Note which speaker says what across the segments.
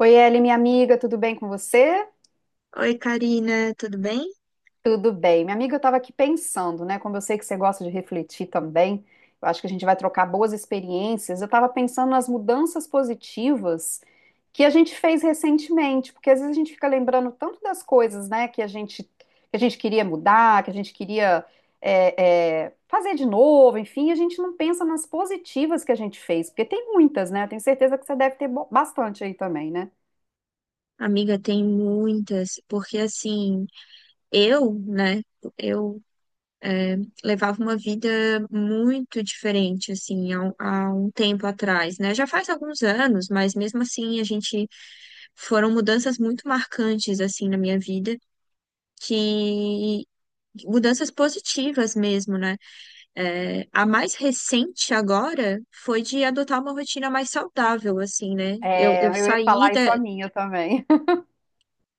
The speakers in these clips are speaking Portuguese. Speaker 1: Oi, Eli, minha amiga, tudo bem com você?
Speaker 2: Oi, Karina, tudo bem?
Speaker 1: Tudo bem. Minha amiga, eu estava aqui pensando, né? Como eu sei que você gosta de refletir também, eu acho que a gente vai trocar boas experiências. Eu estava pensando nas mudanças positivas que a gente fez recentemente, porque às vezes a gente fica lembrando tanto das coisas, né, que a gente queria mudar, que a gente queria fazer de novo, enfim, a gente não pensa nas positivas que a gente fez, porque tem muitas, né? Eu tenho certeza que você deve ter bastante aí também, né?
Speaker 2: Amiga, tem muitas, porque assim, eu, né, eu é, levava uma vida muito diferente, assim, há um tempo atrás, né? Já faz alguns anos, mas mesmo assim a gente foram mudanças muito marcantes, assim, na minha vida, que mudanças positivas mesmo, né? É, a mais recente agora foi de adotar uma rotina mais saudável, assim, né?
Speaker 1: É, eu ia falar isso a minha também.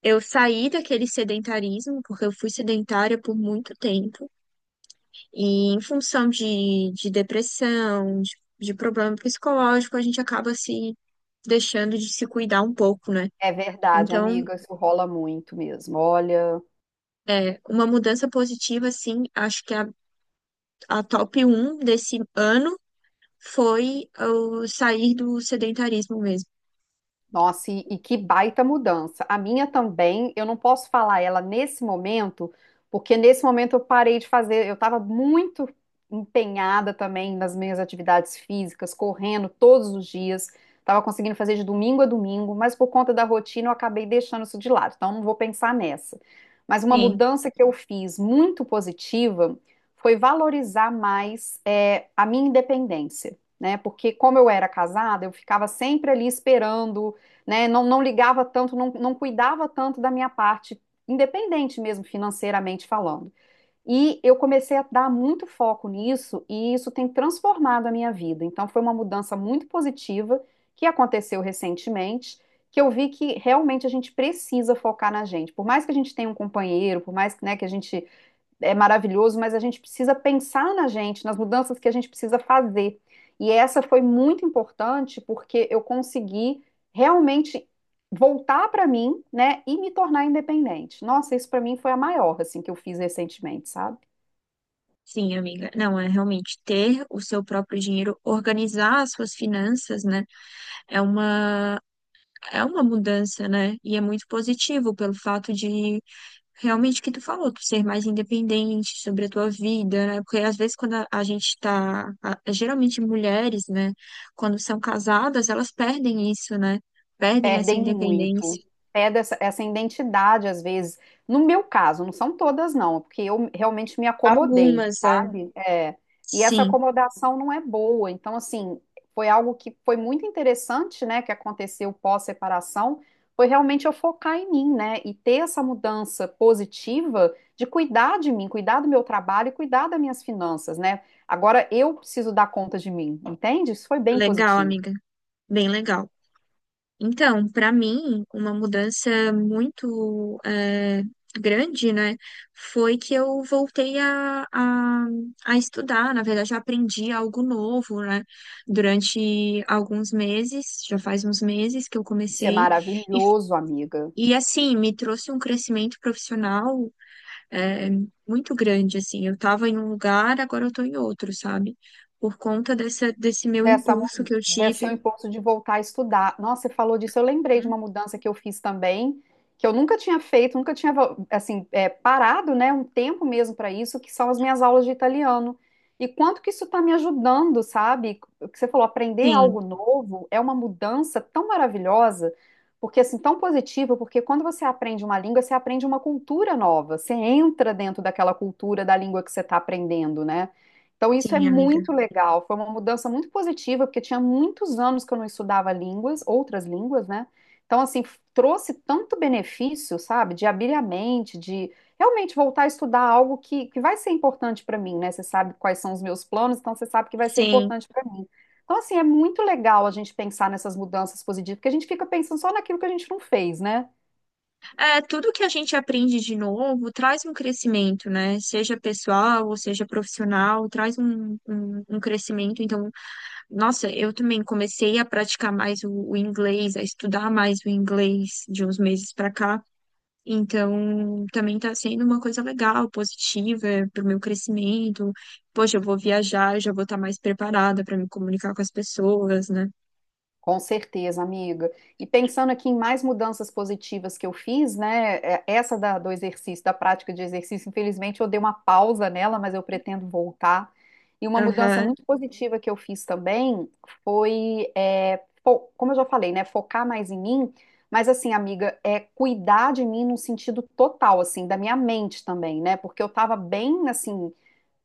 Speaker 2: Eu saí daquele sedentarismo, porque eu fui sedentária por muito tempo, e em função de depressão, de problema psicológico, a gente acaba se deixando de se cuidar um pouco, né?
Speaker 1: É verdade,
Speaker 2: Então,
Speaker 1: amiga, isso rola muito mesmo. Olha.
Speaker 2: uma mudança positiva, assim, acho que a top um desse ano foi eu sair do sedentarismo mesmo.
Speaker 1: Nossa, e que baita mudança. A minha também, eu não posso falar ela nesse momento, porque nesse momento eu parei de fazer, eu estava muito empenhada também nas minhas atividades físicas, correndo todos os dias, estava conseguindo fazer de domingo a domingo, mas por conta da rotina eu acabei deixando isso de lado, então não vou pensar nessa. Mas uma
Speaker 2: Sim,
Speaker 1: mudança que eu fiz muito positiva foi valorizar mais a minha independência, né? Porque como eu era casada, eu ficava sempre ali esperando né? Não ligava tanto, não cuidava tanto da minha parte, independente mesmo financeiramente falando. E eu comecei a dar muito foco nisso, e isso tem transformado a minha vida. Então, foi uma mudança muito positiva que aconteceu recentemente, que eu vi que realmente a gente precisa focar na gente. Por mais que a gente tenha um companheiro, por mais, né, que a gente é maravilhoso, mas a gente precisa pensar na gente, nas mudanças que a gente precisa fazer. E essa foi muito importante porque eu consegui realmente voltar para mim, né, e me tornar independente. Nossa, isso para mim foi a maior assim que eu fiz recentemente, sabe?
Speaker 2: sim, amiga. Não, é realmente ter o seu próprio dinheiro, organizar as suas finanças, né? É uma É uma mudança, né? E é muito positivo pelo fato de realmente que tu falou, tu ser mais independente sobre a tua vida, né? Porque às vezes quando a gente tá, geralmente mulheres, né, quando são casadas, elas perdem isso, né? Perdem essa
Speaker 1: Perdem
Speaker 2: independência.
Speaker 1: muito. Perde essa identidade, às vezes. No meu caso, não são todas, não, porque eu realmente me acomodei,
Speaker 2: Algumas, é.
Speaker 1: sabe? É. E essa
Speaker 2: Sim,
Speaker 1: acomodação não é boa. Então, assim, foi algo que foi muito interessante, né, que aconteceu pós-separação, foi realmente eu focar em mim, né, e ter essa mudança positiva de cuidar de mim, cuidar do meu trabalho e cuidar das minhas finanças, né? Agora eu preciso dar conta de mim, entende? Isso foi bem
Speaker 2: legal,
Speaker 1: positivo.
Speaker 2: amiga. Bem legal. Então, para mim, uma mudança muito grande, né, foi que eu voltei a estudar. Na verdade, eu aprendi algo novo, né, durante alguns meses, já faz uns meses que eu
Speaker 1: Isso é
Speaker 2: comecei, e,
Speaker 1: maravilhoso, amiga.
Speaker 2: e assim, me trouxe um crescimento profissional eh, muito grande, assim. Eu estava em um lugar, agora eu estou em outro, sabe? Por conta desse meu impulso que eu
Speaker 1: Desse seu
Speaker 2: tive.
Speaker 1: impulso de voltar a estudar. Nossa, você falou disso, eu lembrei de
Speaker 2: Hum.
Speaker 1: uma mudança que eu fiz também, que eu nunca tinha feito, nunca tinha, assim, parado, né, um tempo mesmo para isso, que são as minhas aulas de italiano. E quanto que isso está me ajudando, sabe? O que você falou, aprender
Speaker 2: Sim,
Speaker 1: algo novo é uma mudança tão maravilhosa, porque assim, tão positiva, porque quando você aprende uma língua, você aprende uma cultura nova, você entra dentro daquela cultura da língua que você está aprendendo, né? Então, isso é
Speaker 2: sim, amiga.
Speaker 1: muito legal. Foi uma mudança muito positiva, porque tinha muitos anos que eu não estudava línguas, outras línguas, né? Então, assim, trouxe tanto benefício, sabe? De abrir a mente, de realmente voltar a estudar algo que vai ser importante para mim, né? Você sabe quais são os meus planos, então você sabe que vai ser
Speaker 2: Sim,
Speaker 1: importante para mim. Então, assim, é muito legal a gente pensar nessas mudanças positivas, porque a gente fica pensando só naquilo que a gente não fez, né?
Speaker 2: é, tudo que a gente aprende de novo traz um crescimento, né? Seja pessoal ou seja profissional, traz um crescimento. Então, nossa, eu também comecei a praticar mais o inglês, a estudar mais o inglês de uns meses para cá. Então, também está sendo uma coisa legal, positiva para o meu crescimento. Poxa, eu vou viajar, eu já vou estar mais preparada para me comunicar com as pessoas, né?
Speaker 1: Com certeza, amiga. E pensando aqui em mais mudanças positivas que eu fiz, né? Essa do exercício, da prática de exercício, infelizmente eu dei uma pausa nela, mas eu pretendo voltar. E uma mudança
Speaker 2: Aham,
Speaker 1: muito positiva que eu fiz também foi, como eu já falei, né? Focar mais em mim, mas assim, amiga, é cuidar de mim num sentido total, assim, da minha mente também, né? Porque eu tava bem, assim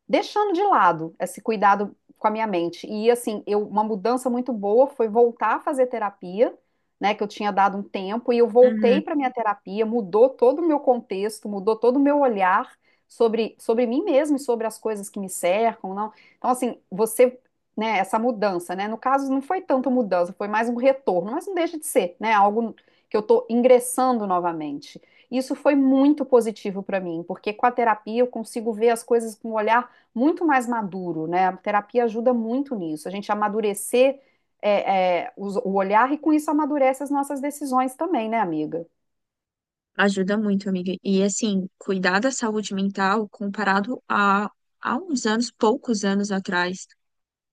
Speaker 1: deixando de lado esse cuidado com a minha mente. E assim, uma mudança muito boa foi voltar a fazer terapia, né, que eu tinha dado um tempo, e eu
Speaker 2: uhum.
Speaker 1: voltei para minha terapia, mudou todo o meu contexto, mudou todo o meu olhar sobre mim mesmo e sobre as coisas que me cercam, não. Então assim, você né, essa mudança, né? No caso, não foi tanto mudança, foi mais um retorno, mas não deixa de ser, né? Algo que eu estou ingressando novamente. Isso foi muito positivo para mim, porque com a terapia eu consigo ver as coisas com um olhar muito mais maduro, né? A terapia ajuda muito nisso, a gente amadurecer o olhar e com isso amadurece as nossas decisões também, né, amiga?
Speaker 2: Ajuda muito, amiga. E assim, cuidar da saúde mental comparado a uns anos, poucos anos atrás,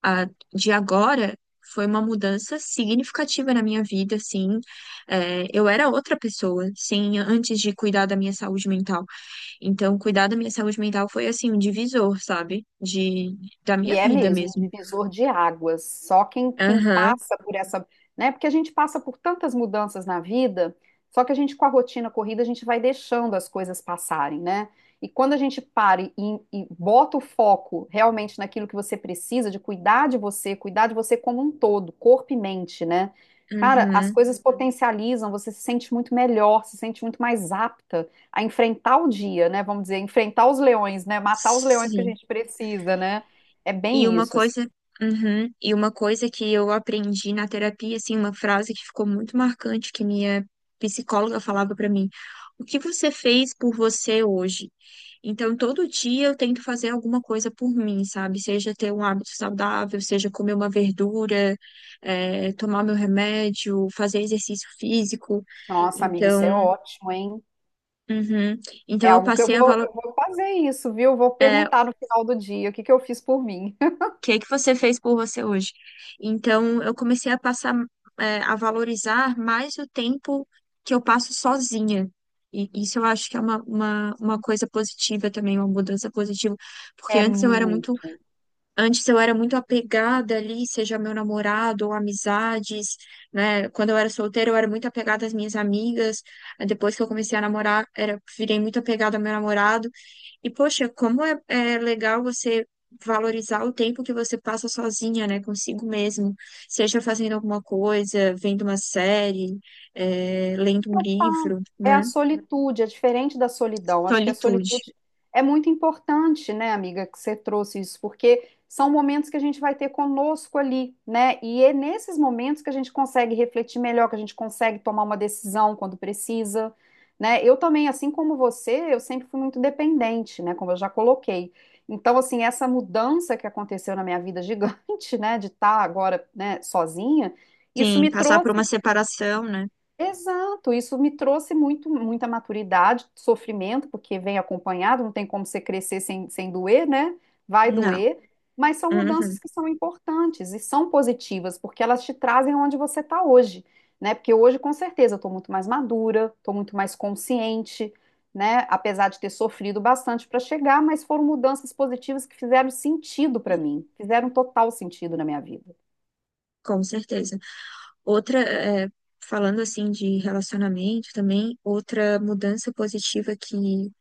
Speaker 2: a, de agora, foi uma mudança significativa na minha vida, assim. É, eu era outra pessoa, sim, antes de cuidar da minha saúde mental. Então, cuidar da minha saúde mental foi, assim, um divisor, sabe? De, da minha
Speaker 1: E é
Speaker 2: vida
Speaker 1: mesmo,
Speaker 2: mesmo.
Speaker 1: um divisor de águas. Só quem
Speaker 2: Aham,
Speaker 1: passa por essa, né? Porque a gente passa por tantas mudanças na vida, só que a gente com a rotina corrida, a gente vai deixando as coisas passarem, né? E quando a gente para e bota o foco realmente naquilo que você precisa, de cuidar de você como um todo, corpo e mente, né? Cara, as
Speaker 2: uhum,
Speaker 1: coisas potencializam, você se sente muito melhor, se sente muito mais apta a enfrentar o dia, né? Vamos dizer, enfrentar os leões, né? Matar os leões que a
Speaker 2: sim.
Speaker 1: gente precisa, né? É
Speaker 2: E
Speaker 1: bem
Speaker 2: uma
Speaker 1: isso, assim.
Speaker 2: coisa, uhum, e uma coisa que eu aprendi na terapia, assim, uma frase que ficou muito marcante que minha psicóloga falava pra mim: "O que você fez por você hoje?" Então, todo dia eu tento fazer alguma coisa por mim, sabe? Seja ter um hábito saudável, seja comer uma verdura, tomar meu remédio, fazer exercício físico.
Speaker 1: Nossa, amiga, isso é
Speaker 2: Então,
Speaker 1: ótimo, hein?
Speaker 2: uhum,
Speaker 1: É
Speaker 2: então eu
Speaker 1: algo que
Speaker 2: passei a
Speaker 1: eu vou fazer isso, viu? Vou
Speaker 2: eh,
Speaker 1: perguntar no final do dia o que que eu fiz por mim.
Speaker 2: que é que você fez por você hoje? Então, eu comecei a passar, é, a valorizar mais o tempo que eu passo sozinha. E isso eu acho que é uma coisa positiva também, uma mudança positiva. Porque
Speaker 1: É
Speaker 2: antes eu era muito
Speaker 1: muito.
Speaker 2: Antes eu era muito apegada ali, seja meu namorado ou amizades, né? Quando eu era solteira, eu era muito apegada às minhas amigas. Aí depois que eu comecei a namorar, era, virei muito apegada ao meu namorado. E, poxa, como é legal você valorizar o tempo que você passa sozinha, né? Consigo mesmo. Seja fazendo alguma coisa, vendo uma série, é, lendo um livro,
Speaker 1: É a
Speaker 2: né?
Speaker 1: solitude, é diferente da solidão. Acho que a
Speaker 2: Solitude.
Speaker 1: solitude é muito importante, né, amiga, que você trouxe isso, porque são momentos que a gente vai ter conosco ali, né? E é nesses momentos que a gente consegue refletir melhor, que a gente consegue tomar uma decisão quando precisa, né? Eu também, assim como você, eu sempre fui muito dependente, né, como eu já coloquei. Então, assim, essa mudança que aconteceu na minha vida gigante, né, de estar agora, né, sozinha, isso
Speaker 2: Sim,
Speaker 1: me
Speaker 2: passar por
Speaker 1: trouxe
Speaker 2: uma separação, né?
Speaker 1: Exato, isso me trouxe muito, muita maturidade, sofrimento, porque vem acompanhado, não tem como você crescer sem doer, né? Vai
Speaker 2: Não.
Speaker 1: doer, mas são mudanças
Speaker 2: Uhum.
Speaker 1: que são importantes e são positivas, porque elas te trazem onde você está hoje, né? Porque hoje, com certeza, eu estou muito mais madura, estou muito mais consciente, né? Apesar de ter sofrido bastante para chegar, mas foram mudanças positivas que fizeram sentido para mim, fizeram total sentido na minha vida.
Speaker 2: Com certeza. Outra, é, falando assim de relacionamento também, outra mudança positiva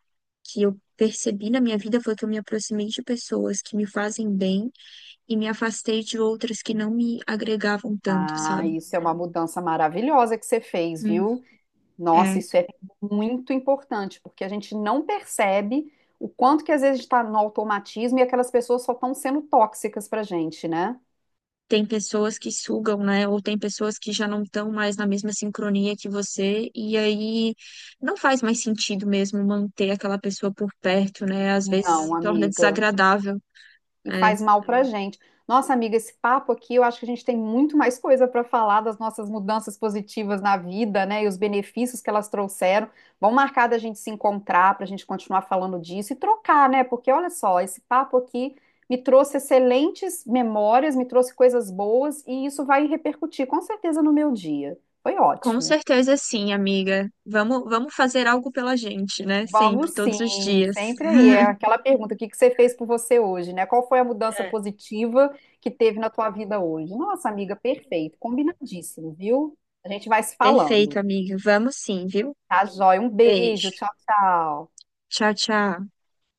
Speaker 2: que eu percebi na minha vida foi que eu me aproximei de pessoas que me fazem bem e me afastei de outras que não me agregavam tanto,
Speaker 1: Ah,
Speaker 2: sabe?
Speaker 1: isso é uma mudança maravilhosa que você fez,
Speaker 2: Hum.
Speaker 1: viu? Nossa,
Speaker 2: É.
Speaker 1: isso é muito importante, porque a gente não percebe o quanto que às vezes está no automatismo e aquelas pessoas só estão sendo tóxicas para gente, né?
Speaker 2: Tem pessoas que sugam, né? Ou tem pessoas que já não estão mais na mesma sincronia que você, e aí não faz mais sentido mesmo manter aquela pessoa por perto, né? Às vezes
Speaker 1: Não,
Speaker 2: se torna
Speaker 1: amiga.
Speaker 2: desagradável.
Speaker 1: E
Speaker 2: É.
Speaker 1: faz mal pra gente. Nossa, amiga, esse papo aqui, eu acho que a gente tem muito mais coisa para falar das nossas mudanças positivas na vida, né? E os benefícios que elas trouxeram. Vamos marcar da gente se encontrar para a gente continuar falando disso e trocar, né? Porque olha só, esse papo aqui me trouxe excelentes memórias, me trouxe coisas boas e isso vai repercutir com certeza no meu dia. Foi
Speaker 2: Com
Speaker 1: ótimo.
Speaker 2: certeza sim, amiga. Vamos, vamos fazer algo pela gente, né? Sempre,
Speaker 1: Vamos
Speaker 2: todos os
Speaker 1: sim,
Speaker 2: dias.
Speaker 1: sempre aí. É aquela pergunta, o que que você fez por você hoje, né? Qual foi a mudança
Speaker 2: É.
Speaker 1: positiva que teve na tua vida hoje? Nossa, amiga, perfeito, combinadíssimo, viu? A gente vai se falando.
Speaker 2: Perfeito, amiga. Vamos sim, viu?
Speaker 1: Tá, joia? Um beijo,
Speaker 2: Beijo.
Speaker 1: tchau, tchau.
Speaker 2: Tchau, tchau.